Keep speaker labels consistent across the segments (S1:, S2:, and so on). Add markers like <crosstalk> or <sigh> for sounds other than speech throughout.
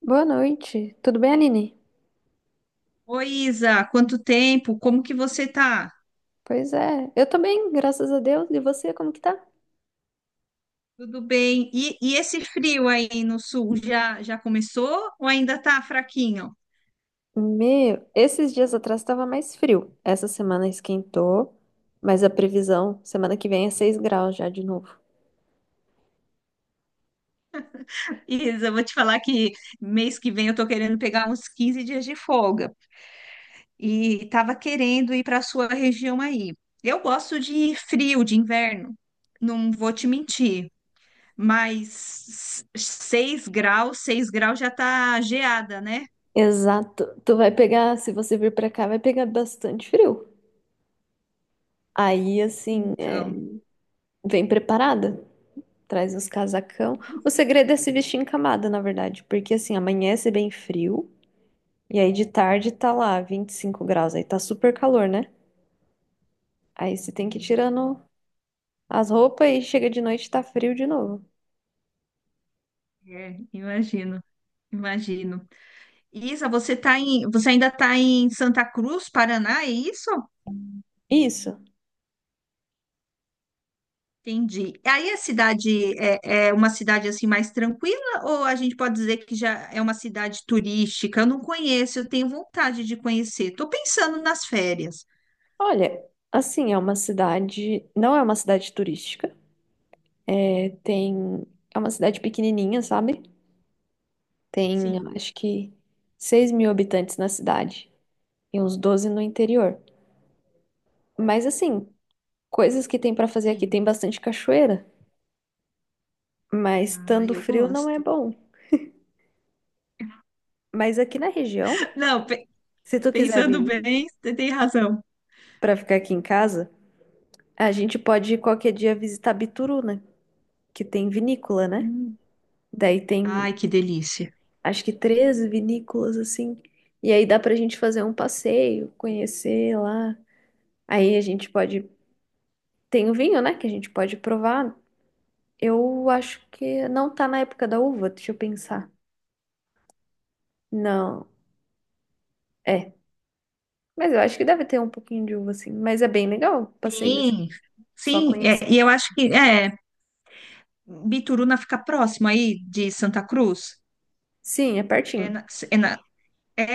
S1: Boa noite. Tudo bem, Aline?
S2: Oi, Isa, quanto tempo? Como que você tá?
S1: Pois é, eu tô bem, graças a Deus. E você, como que tá?
S2: Tudo bem? E esse frio aí no sul já começou ou ainda tá fraquinho?
S1: Meu, esses dias atrás tava mais frio. Essa semana esquentou, mas a previsão, semana que vem é 6 graus já de novo.
S2: Isa, eu vou te falar que mês que vem eu tô querendo pegar uns 15 dias de folga e tava querendo ir para a sua região aí. Eu gosto de frio, de inverno, não vou te mentir, mas 6 graus, 6 graus já tá geada, né?
S1: Exato. Tu vai pegar, se você vir pra cá, vai pegar bastante frio. Aí, assim, é,
S2: Então,
S1: vem preparada. Traz uns casacão. O segredo é se vestir em camada, na verdade, porque assim, amanhece bem frio. E aí de tarde tá lá 25 graus, aí tá super calor, né? Aí você tem que ir tirando as roupas e chega de noite e tá frio de novo.
S2: imagino, imagino. Isa, você ainda está em Santa Cruz, Paraná, é isso?
S1: Isso.
S2: Entendi. Aí a cidade é uma cidade assim mais tranquila ou a gente pode dizer que já é uma cidade turística? Eu não conheço, eu tenho vontade de conhecer. Estou pensando nas férias.
S1: Olha, assim, é uma cidade. Não é uma cidade turística. É, tem. É uma cidade pequenininha, sabe? Tem, eu
S2: Sim,
S1: acho que, 6 mil habitantes na cidade e uns 12 no interior. Mas, assim, coisas que tem pra fazer aqui.
S2: sim.
S1: Tem bastante cachoeira, mas
S2: Ah,
S1: estando
S2: eu
S1: frio não é
S2: gosto.
S1: bom. Mas aqui na região,
S2: <laughs> Não,
S1: se tu quiser vir
S2: pensando bem, você tem razão.
S1: pra ficar aqui em casa, a gente pode ir qualquer dia visitar Bituruna que tem vinícola, né?
S2: Hum.
S1: Daí tem,
S2: Ai, que delícia.
S1: acho que 13 vinícolas assim. E aí dá pra gente fazer um passeio, conhecer lá. Aí a gente pode. Tem o vinho, né? Que a gente pode provar. Eu acho que não tá na época da uva, deixa eu pensar. Não, é. Mas eu acho que deve ter um pouquinho de uva, assim. Mas é bem legal o passeio, assim.
S2: Sim,
S1: Só
S2: sim, é,
S1: conhecer.
S2: e eu acho que é, Bituruna fica próximo aí de Santa Cruz.
S1: Sim, é
S2: É
S1: pertinho.
S2: na,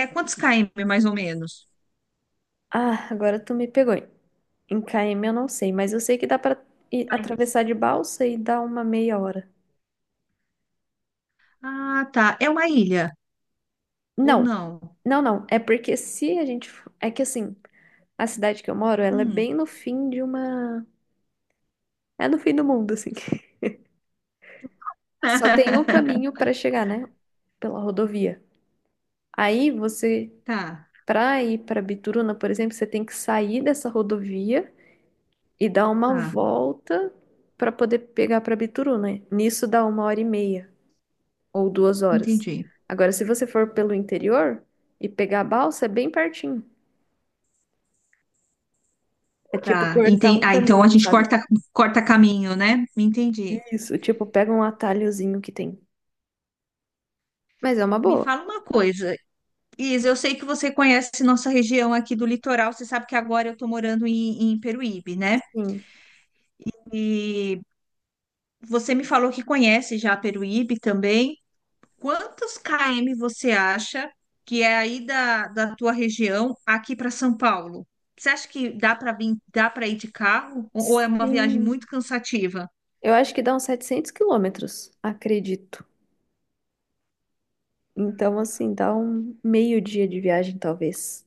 S2: É quantos km, mais ou menos?
S1: Ah, agora tu me pegou. Em KM eu não sei, mas eu sei que dá pra ir
S2: Mas-
S1: atravessar de balsa e dar uma meia hora.
S2: Ah, tá. É uma ilha, ou
S1: Não,
S2: não?
S1: Não, não. É porque se a gente. É que assim, a cidade que eu moro, ela é
S2: Hum,
S1: bem no fim de uma. É no fim do mundo, assim. <laughs> Só tem um
S2: <laughs>
S1: caminho pra chegar, né? Pela rodovia. Aí você,
S2: tá,
S1: pra ir pra Bituruna, por exemplo, você tem que sair dessa rodovia e dar uma
S2: tá.
S1: volta pra poder pegar pra Bituruna. Nisso dá uma hora e meia ou duas horas.
S2: Entendi.
S1: Agora, se você for pelo interior e pegar a balsa, é bem pertinho. É tipo
S2: Tá,
S1: cortar um
S2: Ah, então a
S1: caminho,
S2: gente
S1: sabe?
S2: corta caminho, né? Entendi.
S1: Isso, tipo, pega um atalhozinho que tem. Mas é uma
S2: Me
S1: boa.
S2: fala uma coisa, Isa, eu sei que você conhece nossa região aqui do litoral, você sabe que agora eu estou morando em Peruíbe, né?
S1: Sim.
S2: E você me falou que conhece já Peruíbe também. Quantos km você acha que é aí da tua região aqui para São Paulo? Você acha que dá para vir, dá para ir de carro? Ou é uma viagem
S1: Sim.
S2: muito cansativa?
S1: Eu acho que dá uns 700 quilômetros, acredito. Então, assim, dá um meio dia de viagem, talvez.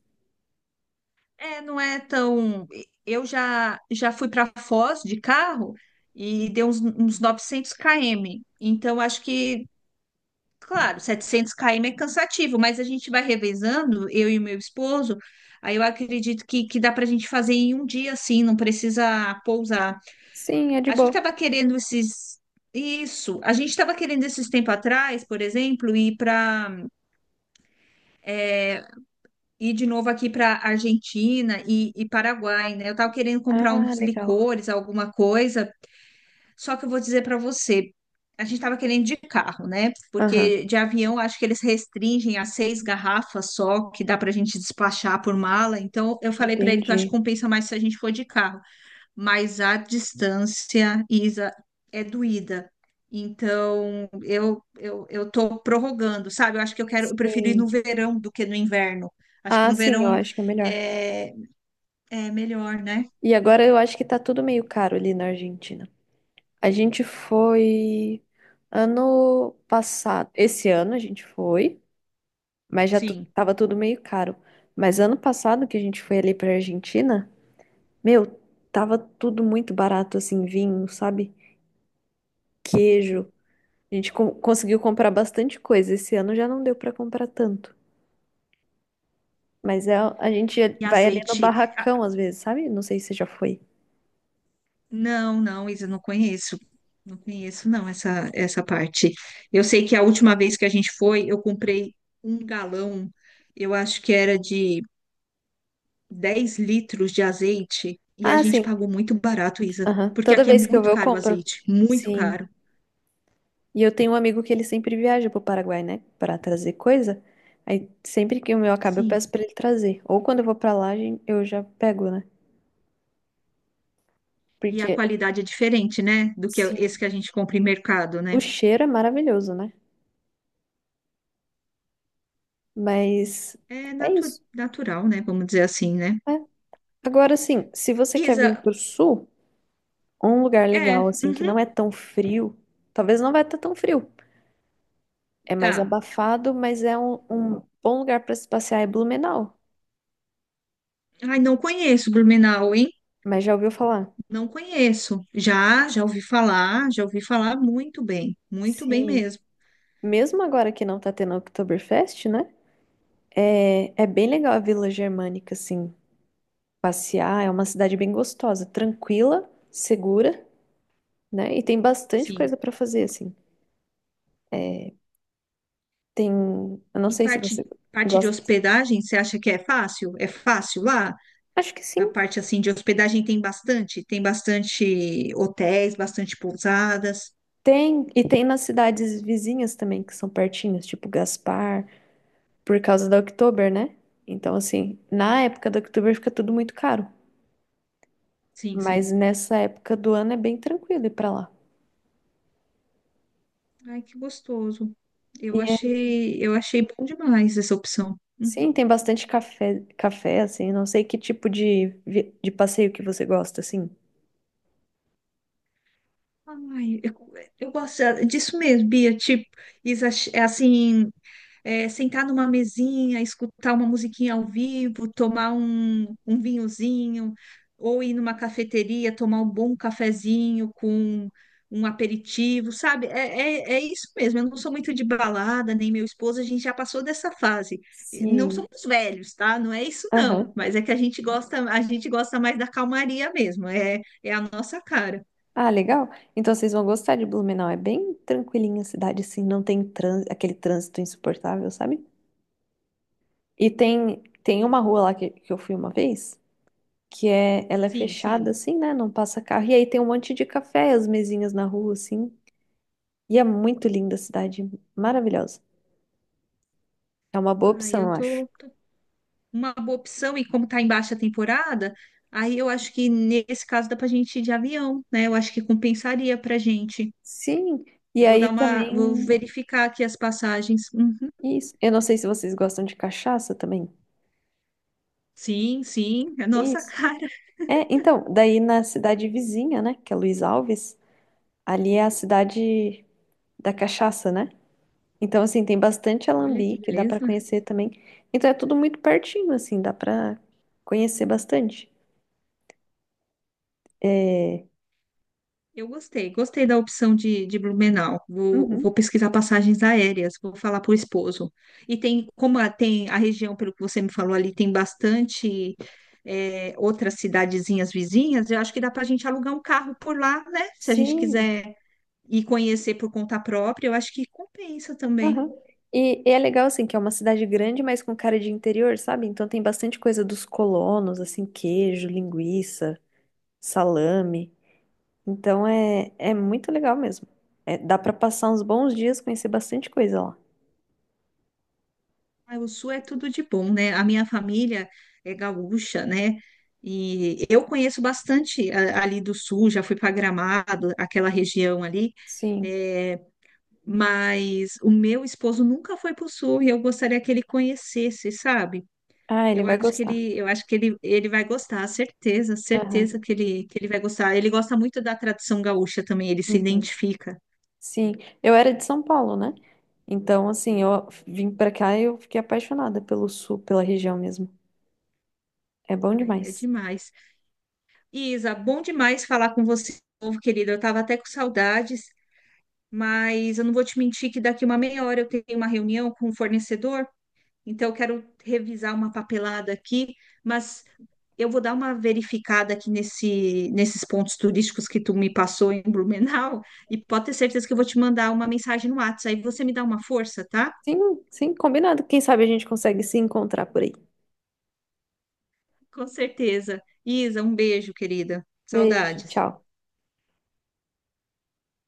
S2: É, não é tão. Eu já fui para Foz de carro e deu uns 900 km. Então acho que, claro, 700 km é cansativo, mas a gente vai revezando, eu e o meu esposo. Aí eu acredito que dá para a gente fazer em um dia assim, não precisa pousar.
S1: Sim, é de
S2: A gente
S1: boa.
S2: estava querendo esses. Isso. A gente estava querendo esses tempo atrás, por exemplo, ir de novo aqui para Argentina e Paraguai, né? Eu estava querendo comprar
S1: Ah,
S2: uns
S1: legal.
S2: licores, alguma coisa. Só que eu vou dizer para você, a gente estava querendo de carro, né?
S1: Aham,
S2: Porque de avião acho que eles restringem a 6 garrafas só que dá para a gente despachar por mala. Então eu falei para ele que eu acho que
S1: entendi.
S2: compensa mais se a gente for de carro. Mas a distância, Isa, é doída. Então, eu tô prorrogando, sabe? Eu acho que eu quero, eu prefiro ir no
S1: Sim.
S2: verão do que no inverno. Acho que
S1: Ah,
S2: no
S1: sim, eu
S2: verão
S1: acho que é melhor.
S2: é, é melhor, né?
S1: E agora eu acho que tá tudo meio caro ali na Argentina. A gente foi ano passado. Esse ano a gente foi, mas já
S2: Sim.
S1: tava tudo meio caro. Mas ano passado que a gente foi ali pra Argentina, meu, tava tudo muito barato, assim, vinho, sabe?
S2: Então.
S1: Queijo. A gente conseguiu comprar bastante coisa. Esse ano já não deu pra comprar tanto. Mas é, a gente
S2: E
S1: vai ali no
S2: azeite? Ah,
S1: barracão às vezes, sabe? Não sei se você já foi.
S2: não, não, Isa, não conheço. Não conheço, não, essa parte. Eu sei que a última vez que a gente foi, eu comprei um galão, eu acho que era de 10 litros de azeite e a
S1: Ah,
S2: gente pagou
S1: sim.
S2: muito barato, Isa,
S1: Aham.
S2: porque
S1: Toda
S2: aqui é
S1: vez que eu
S2: muito
S1: vou, eu
S2: caro o
S1: compro.
S2: azeite, muito
S1: Sim.
S2: caro.
S1: E eu tenho um amigo que ele sempre viaja pro Paraguai, né? Pra trazer coisa. Aí sempre que o meu acaba, eu
S2: Sim,
S1: peço pra ele trazer. Ou quando eu vou pra lá, eu já pego, né?
S2: e a
S1: Porque
S2: qualidade é diferente, né, do que esse que
S1: sim,
S2: a gente compra em mercado,
S1: o
S2: né?
S1: cheiro é maravilhoso, né? Mas
S2: É
S1: é isso,
S2: natural, né, vamos dizer assim, né?
S1: né? Agora, assim, se você quer
S2: Isa,
S1: vir pro sul, um lugar
S2: é,
S1: legal, assim, que
S2: uhum,
S1: não é tão frio, talvez não vai estar tão frio. É mais
S2: tá.
S1: abafado, mas é um, um bom lugar para se passear é Blumenau.
S2: Ai, não conheço Blumenau, hein?
S1: Mas já ouviu falar?
S2: Não conheço. Já ouvi falar, já ouvi falar muito bem
S1: Sim.
S2: mesmo.
S1: Mesmo agora que não tá tendo Oktoberfest, né? É, é bem legal a Vila Germânica, assim, passear. É uma cidade bem gostosa, tranquila, segura, né? E tem bastante
S2: Sim.
S1: coisa para fazer, assim. Tem, eu não
S2: E
S1: sei se você
S2: parte de
S1: gosta.
S2: hospedagem, você acha que é fácil? É fácil lá?
S1: Acho que
S2: A
S1: sim.
S2: parte assim de hospedagem tem bastante hotéis, bastante pousadas.
S1: Tem, e tem nas cidades vizinhas também, que são pertinhas, tipo Gaspar, por causa da Oktober, né? Então, assim, na época da Oktober fica tudo muito caro.
S2: Sim,
S1: Mas
S2: sim.
S1: nessa época do ano é bem tranquilo ir pra lá.
S2: Ai, que gostoso.
S1: E
S2: Eu
S1: é-
S2: achei, eu achei bom demais essa opção. Uhum.
S1: sim, tem bastante café, café, assim, não sei que tipo de, de passeio que você gosta, assim.
S2: Ai, eu gosto disso mesmo, Bia. Tipo, isso é assim, é, sentar numa mesinha, escutar uma musiquinha ao vivo, tomar um vinhozinho, ou ir numa cafeteria, tomar um bom cafezinho com um aperitivo, sabe? É isso mesmo. Eu não sou muito de balada, nem meu esposo, a gente já passou dessa fase. E não
S1: Sim.
S2: somos velhos, tá? Não é isso, não.
S1: Aham.
S2: Mas é que a gente gosta mais da calmaria mesmo. É, é a nossa cara.
S1: Ah, legal. Então vocês vão gostar de Blumenau. É bem tranquilinha a cidade, assim, não tem trânsito, aquele trânsito insuportável, sabe? E tem, tem uma rua lá que eu fui uma vez, que é, ela é
S2: Sim,
S1: fechada,
S2: sim.
S1: assim, né? Não passa carro. E aí tem um monte de café, as mesinhas na rua, assim. E é muito linda a cidade, maravilhosa. É uma boa
S2: Ah,
S1: opção, eu acho.
S2: uma boa opção e como está em baixa temporada, aí eu acho que nesse caso dá para a gente ir de avião, né? Eu acho que compensaria para a gente.
S1: Sim. E
S2: Vou dar
S1: aí
S2: uma, vou
S1: também,
S2: verificar aqui as passagens. Uhum.
S1: isso. Eu não sei se vocês gostam de cachaça também.
S2: Sim, sim, é nossa <laughs>
S1: Isso.
S2: cara.
S1: É, então, daí na cidade vizinha, né, que é Luiz Alves, ali é a cidade da cachaça, né? Então, assim, tem bastante
S2: Olha que
S1: alambique, dá pra
S2: beleza.
S1: conhecer também. Então, é tudo muito pertinho, assim, dá pra conhecer bastante. É...
S2: Eu gostei da opção de Blumenau. Vou,
S1: Uhum.
S2: vou pesquisar passagens aéreas, vou falar para o esposo. E tem, tem a região, pelo que você me falou ali, tem bastante, outras cidadezinhas vizinhas, eu acho que dá para a gente alugar um carro por lá, né? Se a gente
S1: Sim.
S2: quiser ir conhecer por conta própria, eu acho que compensa também.
S1: Aham. E é legal, assim, que é uma cidade grande, mas com cara de interior, sabe? Então, tem bastante coisa dos colonos, assim, queijo, linguiça, salame. Então, é, é muito legal mesmo. É, dá pra passar uns bons dias, conhecer bastante coisa lá.
S2: Ai, o Sul é tudo de bom, né? A minha família é gaúcha, né? E eu conheço bastante ali do Sul, já fui para Gramado, aquela região ali,
S1: Sim.
S2: é, mas o meu esposo nunca foi para o Sul e eu gostaria que ele conhecesse, sabe?
S1: Ah, ele
S2: Eu
S1: vai
S2: acho que
S1: gostar.
S2: ele, eu acho que ele, ele vai gostar, certeza,
S1: Aham.
S2: certeza que ele vai gostar. Ele gosta muito da tradição gaúcha também, ele se
S1: Uhum.
S2: identifica.
S1: Sim, eu era de São Paulo, né? Então, assim, eu vim pra cá e eu fiquei apaixonada pelo sul, pela região mesmo. É bom
S2: Ai, é
S1: demais.
S2: demais. Isa, bom demais falar com você, de novo, querida. Eu estava até com saudades. Mas eu não vou te mentir que daqui uma meia hora eu tenho uma reunião com o fornecedor, então eu quero revisar uma papelada aqui, mas eu vou dar uma verificada aqui nesses pontos turísticos que tu me passou em Blumenau, <laughs> e pode ter certeza que eu vou te mandar uma mensagem no WhatsApp, aí você me dá uma força, tá?
S1: Sim, sim, combinado. Quem sabe a gente consegue se encontrar por aí.
S2: Com certeza. Isa, um beijo, querida.
S1: Beijo,
S2: Saudades.
S1: tchau.